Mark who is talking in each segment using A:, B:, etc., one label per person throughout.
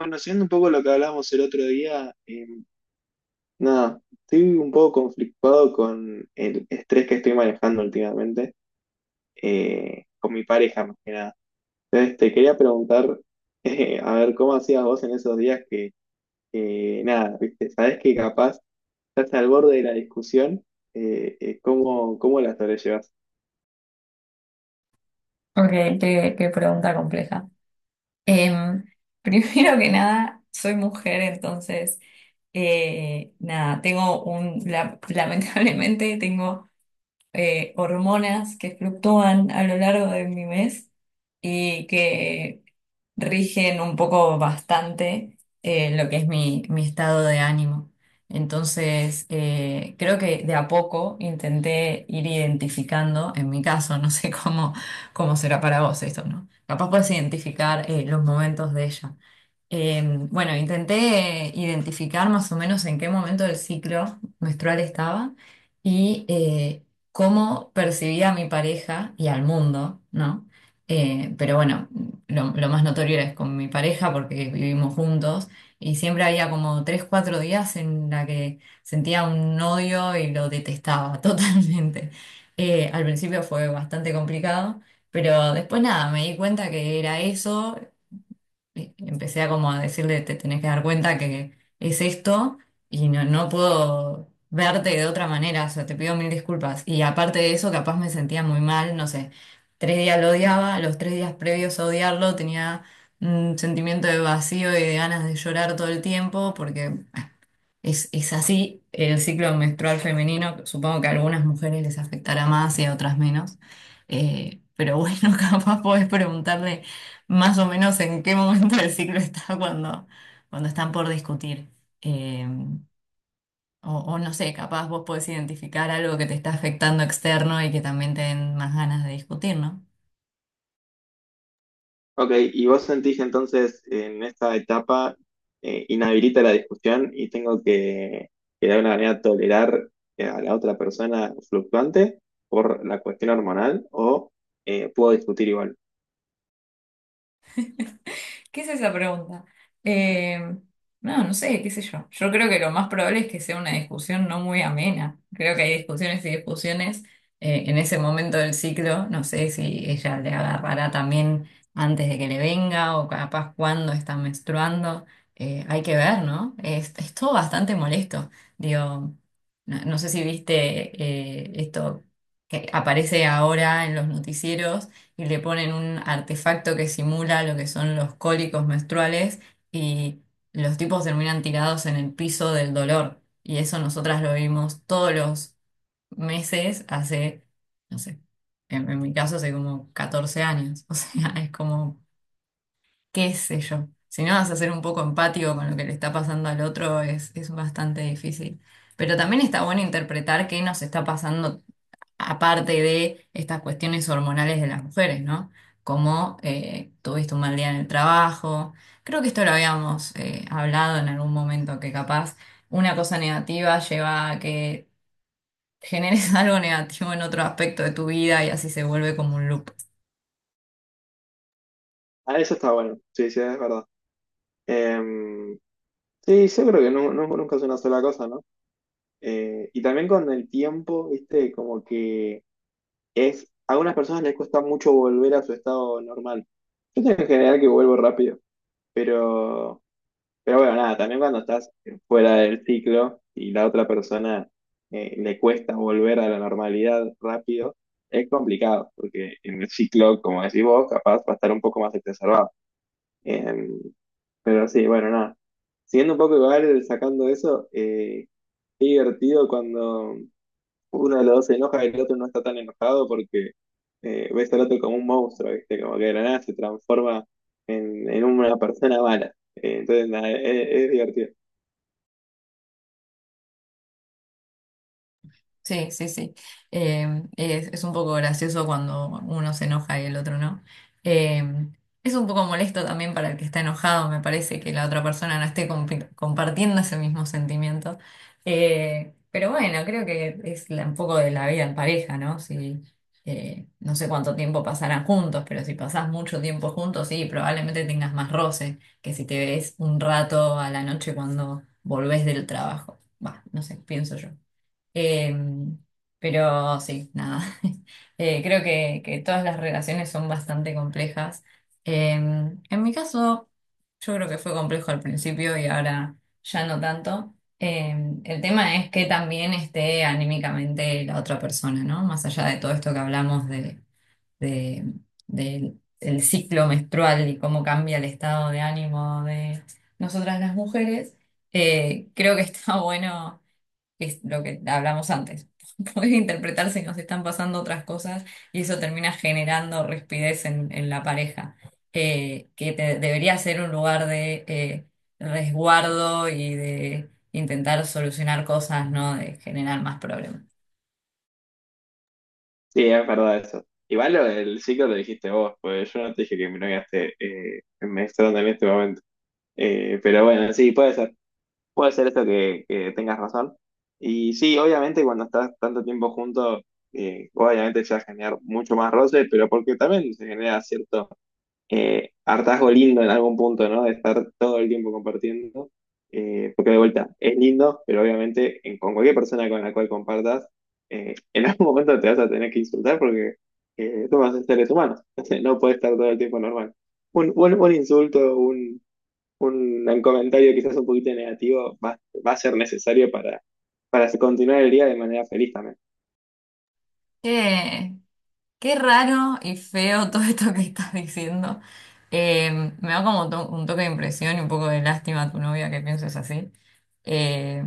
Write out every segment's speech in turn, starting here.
A: Bueno, siendo un poco lo que hablamos el otro día, nada, estoy un poco conflictuado con el estrés que estoy manejando últimamente, con mi pareja más que nada. Entonces, te quería preguntar, a ver, ¿cómo hacías vos en esos días que, nada, viste, sabés que capaz estás al borde de la discusión, ¿cómo, cómo la sobrellevas?
B: Ok, qué pregunta compleja. Em, primero que nada, soy mujer, entonces, nada, tengo lamentablemente tengo hormonas que fluctúan a lo largo de mi mes y que rigen un poco bastante lo que es mi estado de ánimo. Entonces, creo que de a poco intenté ir identificando, en mi caso, no sé cómo, cómo será para vos esto, ¿no? Capaz puedes identificar los momentos de ella. Eh, bueno, intenté identificar más o menos en qué momento del ciclo menstrual estaba y cómo percibía a mi pareja y al mundo, ¿no? Pero bueno lo más notorio es con mi pareja porque vivimos juntos y siempre había como tres, cuatro días en la que sentía un odio y lo detestaba totalmente. Al principio fue bastante complicado, pero después nada, me di cuenta que era eso empecé a como a decirle, te tenés que dar cuenta que es esto y no, no puedo verte de otra manera, o sea, te pido mil disculpas. Y aparte de eso, capaz me sentía muy mal, no sé, tres días lo odiaba, los tres días previos a odiarlo tenía un sentimiento de vacío y de ganas de llorar todo el tiempo porque es así el ciclo menstrual femenino, supongo que a algunas mujeres les afectará más y a otras menos. Pero bueno, capaz podés preguntarle más o menos en qué momento del ciclo está cuando están por discutir. Eh, o no sé, capaz vos podés identificar algo que te está afectando externo y que también te den más ganas de discutir, ¿no?
A: Ok, y vos sentís que entonces en esta etapa inhabilita la discusión y tengo que de alguna manera tolerar a la otra persona fluctuante por la cuestión hormonal o puedo discutir igual.
B: ¿Qué es esa pregunta? Eh, no, no sé, qué sé yo. Yo creo que lo más probable es que sea una discusión no muy amena. Creo que hay discusiones y discusiones en ese momento del ciclo. No sé si ella le agarrará también antes de que le venga o capaz cuando está menstruando. Hay que ver, ¿no? Es todo bastante molesto. Digo, no, no sé si viste esto que aparece ahora en los noticieros y le ponen un artefacto que simula lo que son los cólicos menstruales y los tipos terminan tirados en el piso del dolor. Y eso nosotras lo vimos todos los meses hace, no sé, en mi caso hace como 14 años. O sea, es como, qué sé yo. Si no vas a ser un poco empático con lo que le está pasando al otro, es bastante difícil. Pero también está bueno interpretar qué nos está pasando aparte de estas cuestiones hormonales de las mujeres, ¿no? Como tuviste un mal día en el trabajo. Creo que esto lo habíamos hablado en algún momento, que capaz una cosa negativa lleva a que generes algo negativo en otro aspecto de tu vida y así se vuelve como un loop.
A: Ah, eso está bueno, sí, sí, es verdad. Em, sí, yo creo que nunca es una sola cosa, ¿no? Y también con el tiempo, viste, como que es, a algunas personas les cuesta mucho volver a su estado normal. Yo tengo en general que vuelvo rápido, pero... Pero bueno, nada, también cuando estás fuera del ciclo y la otra persona le cuesta volver a la normalidad rápido, es complicado, porque en el ciclo, como decís vos, capaz va a estar un poco más exacerbado. Eh, pero sí, bueno, nada. Siguiendo un poco igual, sacando eso, qué divertido cuando uno de los dos se enoja y el otro no está tan enojado porque ves al otro como un monstruo, ¿viste? Como que de la nada se transforma en una persona mala. Entonces, nada, es divertido.
B: Sí, sí, sí. Es un poco gracioso cuando uno se enoja y el otro no. Eh, es un poco molesto también para el que está enojado, me parece, que la otra persona no esté compartiendo ese mismo sentimiento. Pero bueno, creo que es un poco de la vida en pareja, ¿no? Si, no sé cuánto tiempo pasarán juntos, pero si pasás mucho tiempo juntos, sí, probablemente tengas más roce que si te ves un rato a la noche cuando volvés del trabajo. Va, no sé, pienso yo. Eh, pero sí, nada. Creo que todas las relaciones son bastante complejas. En mi caso, yo creo que fue complejo al principio y ahora ya no tanto. El tema es que también esté anímicamente la otra persona, ¿no? Más allá de todo esto que hablamos de- del del ciclo menstrual y cómo cambia el estado de ánimo de nosotras las mujeres, creo que está bueno es lo que hablamos antes. Podés interpretar si nos están pasando otras cosas y eso termina generando rispidez en la pareja, debería ser un lugar de resguardo y de intentar solucionar cosas, no de generar más problemas.
A: Sí, es verdad eso. Igual lo- el ciclo lo dijiste vos, pues yo no te dije que mi novia esté en menstruando en este momento. Pero bueno, sí, puede ser. Puede ser esto que tengas razón. Y sí, obviamente cuando estás tanto tiempo juntos, obviamente se va a generar mucho más roce, pero porque también se genera cierto hartazgo lindo en algún punto, ¿no? De estar todo el tiempo compartiendo. Porque de vuelta, es lindo, pero obviamente en- con cualquier persona con la cual compartas, en algún momento te vas a tener que insultar porque tú vas a ser seres humanos. No puedes estar todo el tiempo normal. Un insulto, un comentario quizás un poquito negativo va a ser necesario para continuar el día de manera feliz también.
B: Qué raro y feo todo esto que estás diciendo. Eh, me da como un toque de impresión y un poco de lástima a tu novia que pienses así. Eh,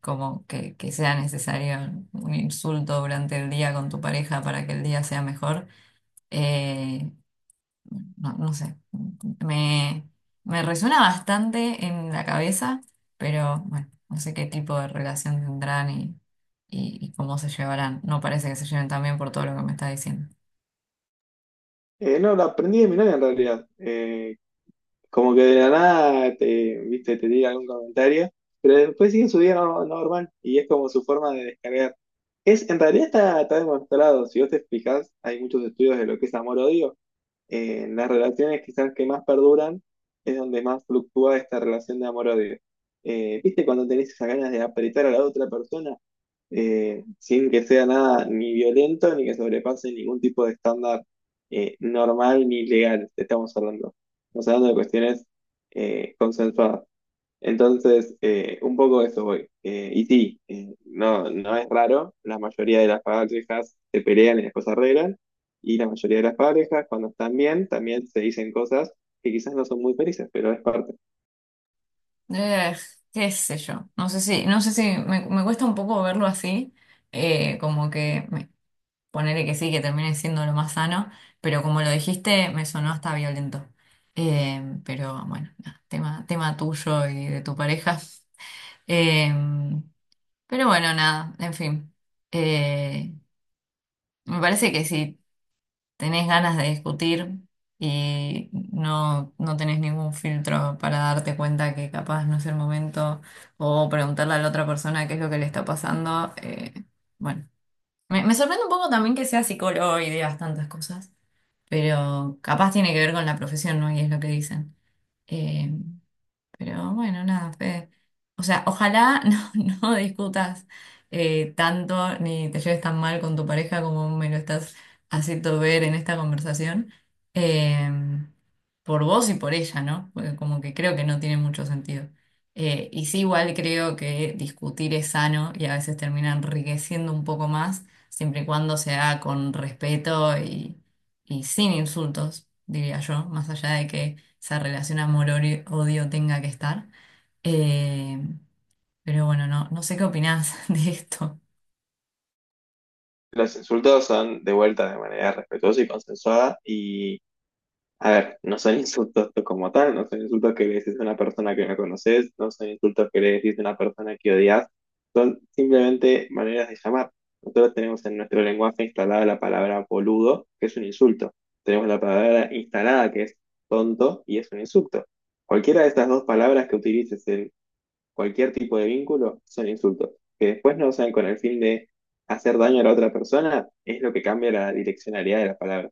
B: como que sea necesario un insulto durante el día con tu pareja para que el día sea mejor. Eh, no, no sé, me, me resuena bastante en la cabeza, pero bueno, no sé qué tipo de relación tendrán y cómo se llevarán. No parece que se lleven tan bien por todo lo que me está diciendo.
A: No, lo aprendí de mi novia en realidad. Como que de la nada te, viste, te tira algún comentario, pero después siguen su día no normal y es como su forma de descargar. En realidad está demostrado, si vos te explicás, hay muchos estudios de lo que es amor-odio. En las relaciones quizás que más perduran es donde más fluctúa esta relación de amor-odio. ¿Viste cuando tenés esas ganas de apretar a la otra persona? Sin que sea nada ni violento ni que sobrepase ningún tipo de estándar normal ni legal. Estamos hablando de cuestiones consensuadas. Entonces, un poco de eso voy. Y sí, no, no es raro, la mayoría de las parejas se pelean y después se arreglan, y la mayoría de las parejas, cuando están bien, también se dicen cosas que quizás no son muy felices, pero es parte.
B: Eh, qué sé yo, no sé si, no sé si me cuesta un poco verlo así, como que ponerle que sí, que termine siendo lo más sano, pero como lo dijiste, me sonó hasta violento. Pero bueno, nada, tema tuyo y de tu pareja. Eh, pero bueno, nada, en fin. Eh, me parece que sí tenés ganas de discutir y no, no tenés ningún filtro para darte cuenta que capaz no es el momento o preguntarle a la otra persona qué es lo que le está pasando. Bueno, me sorprende un poco también que sea psicólogo y digas tantas cosas, pero capaz tiene que ver con la profesión, ¿no? Y es lo que dicen. Eh, pero bueno, nada, Fede. O sea, ojalá no, no discutas tanto ni te lleves tan mal con tu pareja como me lo estás haciendo ver en esta conversación. eh, por vos y por ella, ¿no? Porque como que creo que no tiene mucho sentido. Y sí, igual creo que discutir es sano y a veces termina enriqueciendo un poco más, siempre y cuando se haga con respeto y sin insultos, diría yo, más allá de que esa relación amor-odio tenga que estar. Eh, pero bueno, no, no sé qué opinás de esto.
A: Los insultos son de vuelta de manera respetuosa y consensuada, y a ver, no son insultos como tal, no son insultos que le decís a una persona que no conoces, no son insultos que le decís a una persona que odias, simplemente maneras de llamar. Nosotros tenemos en nuestro lenguaje instalada la palabra boludo, que es un insulto. Tenemos la palabra instalada, que es tonto, y es un insulto. Cualquiera de estas dos palabras que utilices en cualquier tipo de vínculo son insultos, que después no usan con el fin de hacer daño a la otra persona, es lo que cambia la direccionalidad de la palabra.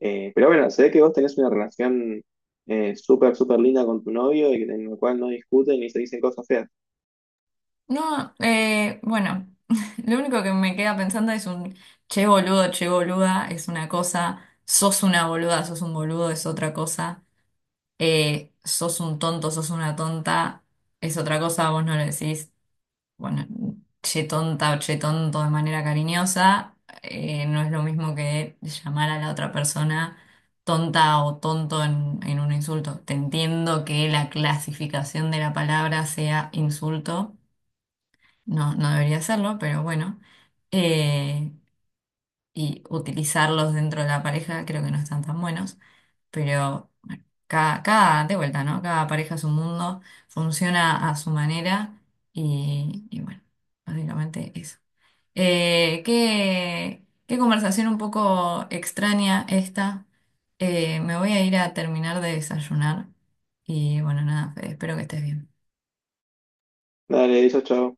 A: Pero bueno, se ve que vos tenés una relación súper, súper linda con tu novio y en la cual no discuten ni se dicen cosas feas.
B: No, bueno, lo único que me queda pensando es un che boludo, che boluda, es una cosa, sos una boluda, sos un boludo, es otra cosa, sos un tonto, sos una tonta, es otra cosa, vos no lo decís. Bueno, che tonta o che tonto de manera cariñosa, no es lo mismo que llamar a la otra persona tonta o tonto en un insulto. Te entiendo que la clasificación de la palabra sea insulto, no, no debería serlo, pero bueno. Eh, y utilizarlos dentro de la pareja, creo que no están tan buenos, pero bueno, cada, de vuelta, ¿no? Cada pareja es un mundo, funciona a su manera y bueno, básicamente eso. Qué conversación un poco extraña esta. Me voy a ir a terminar de desayunar y bueno, nada, Fede, espero que estés bien.
A: Dale, eso, chao.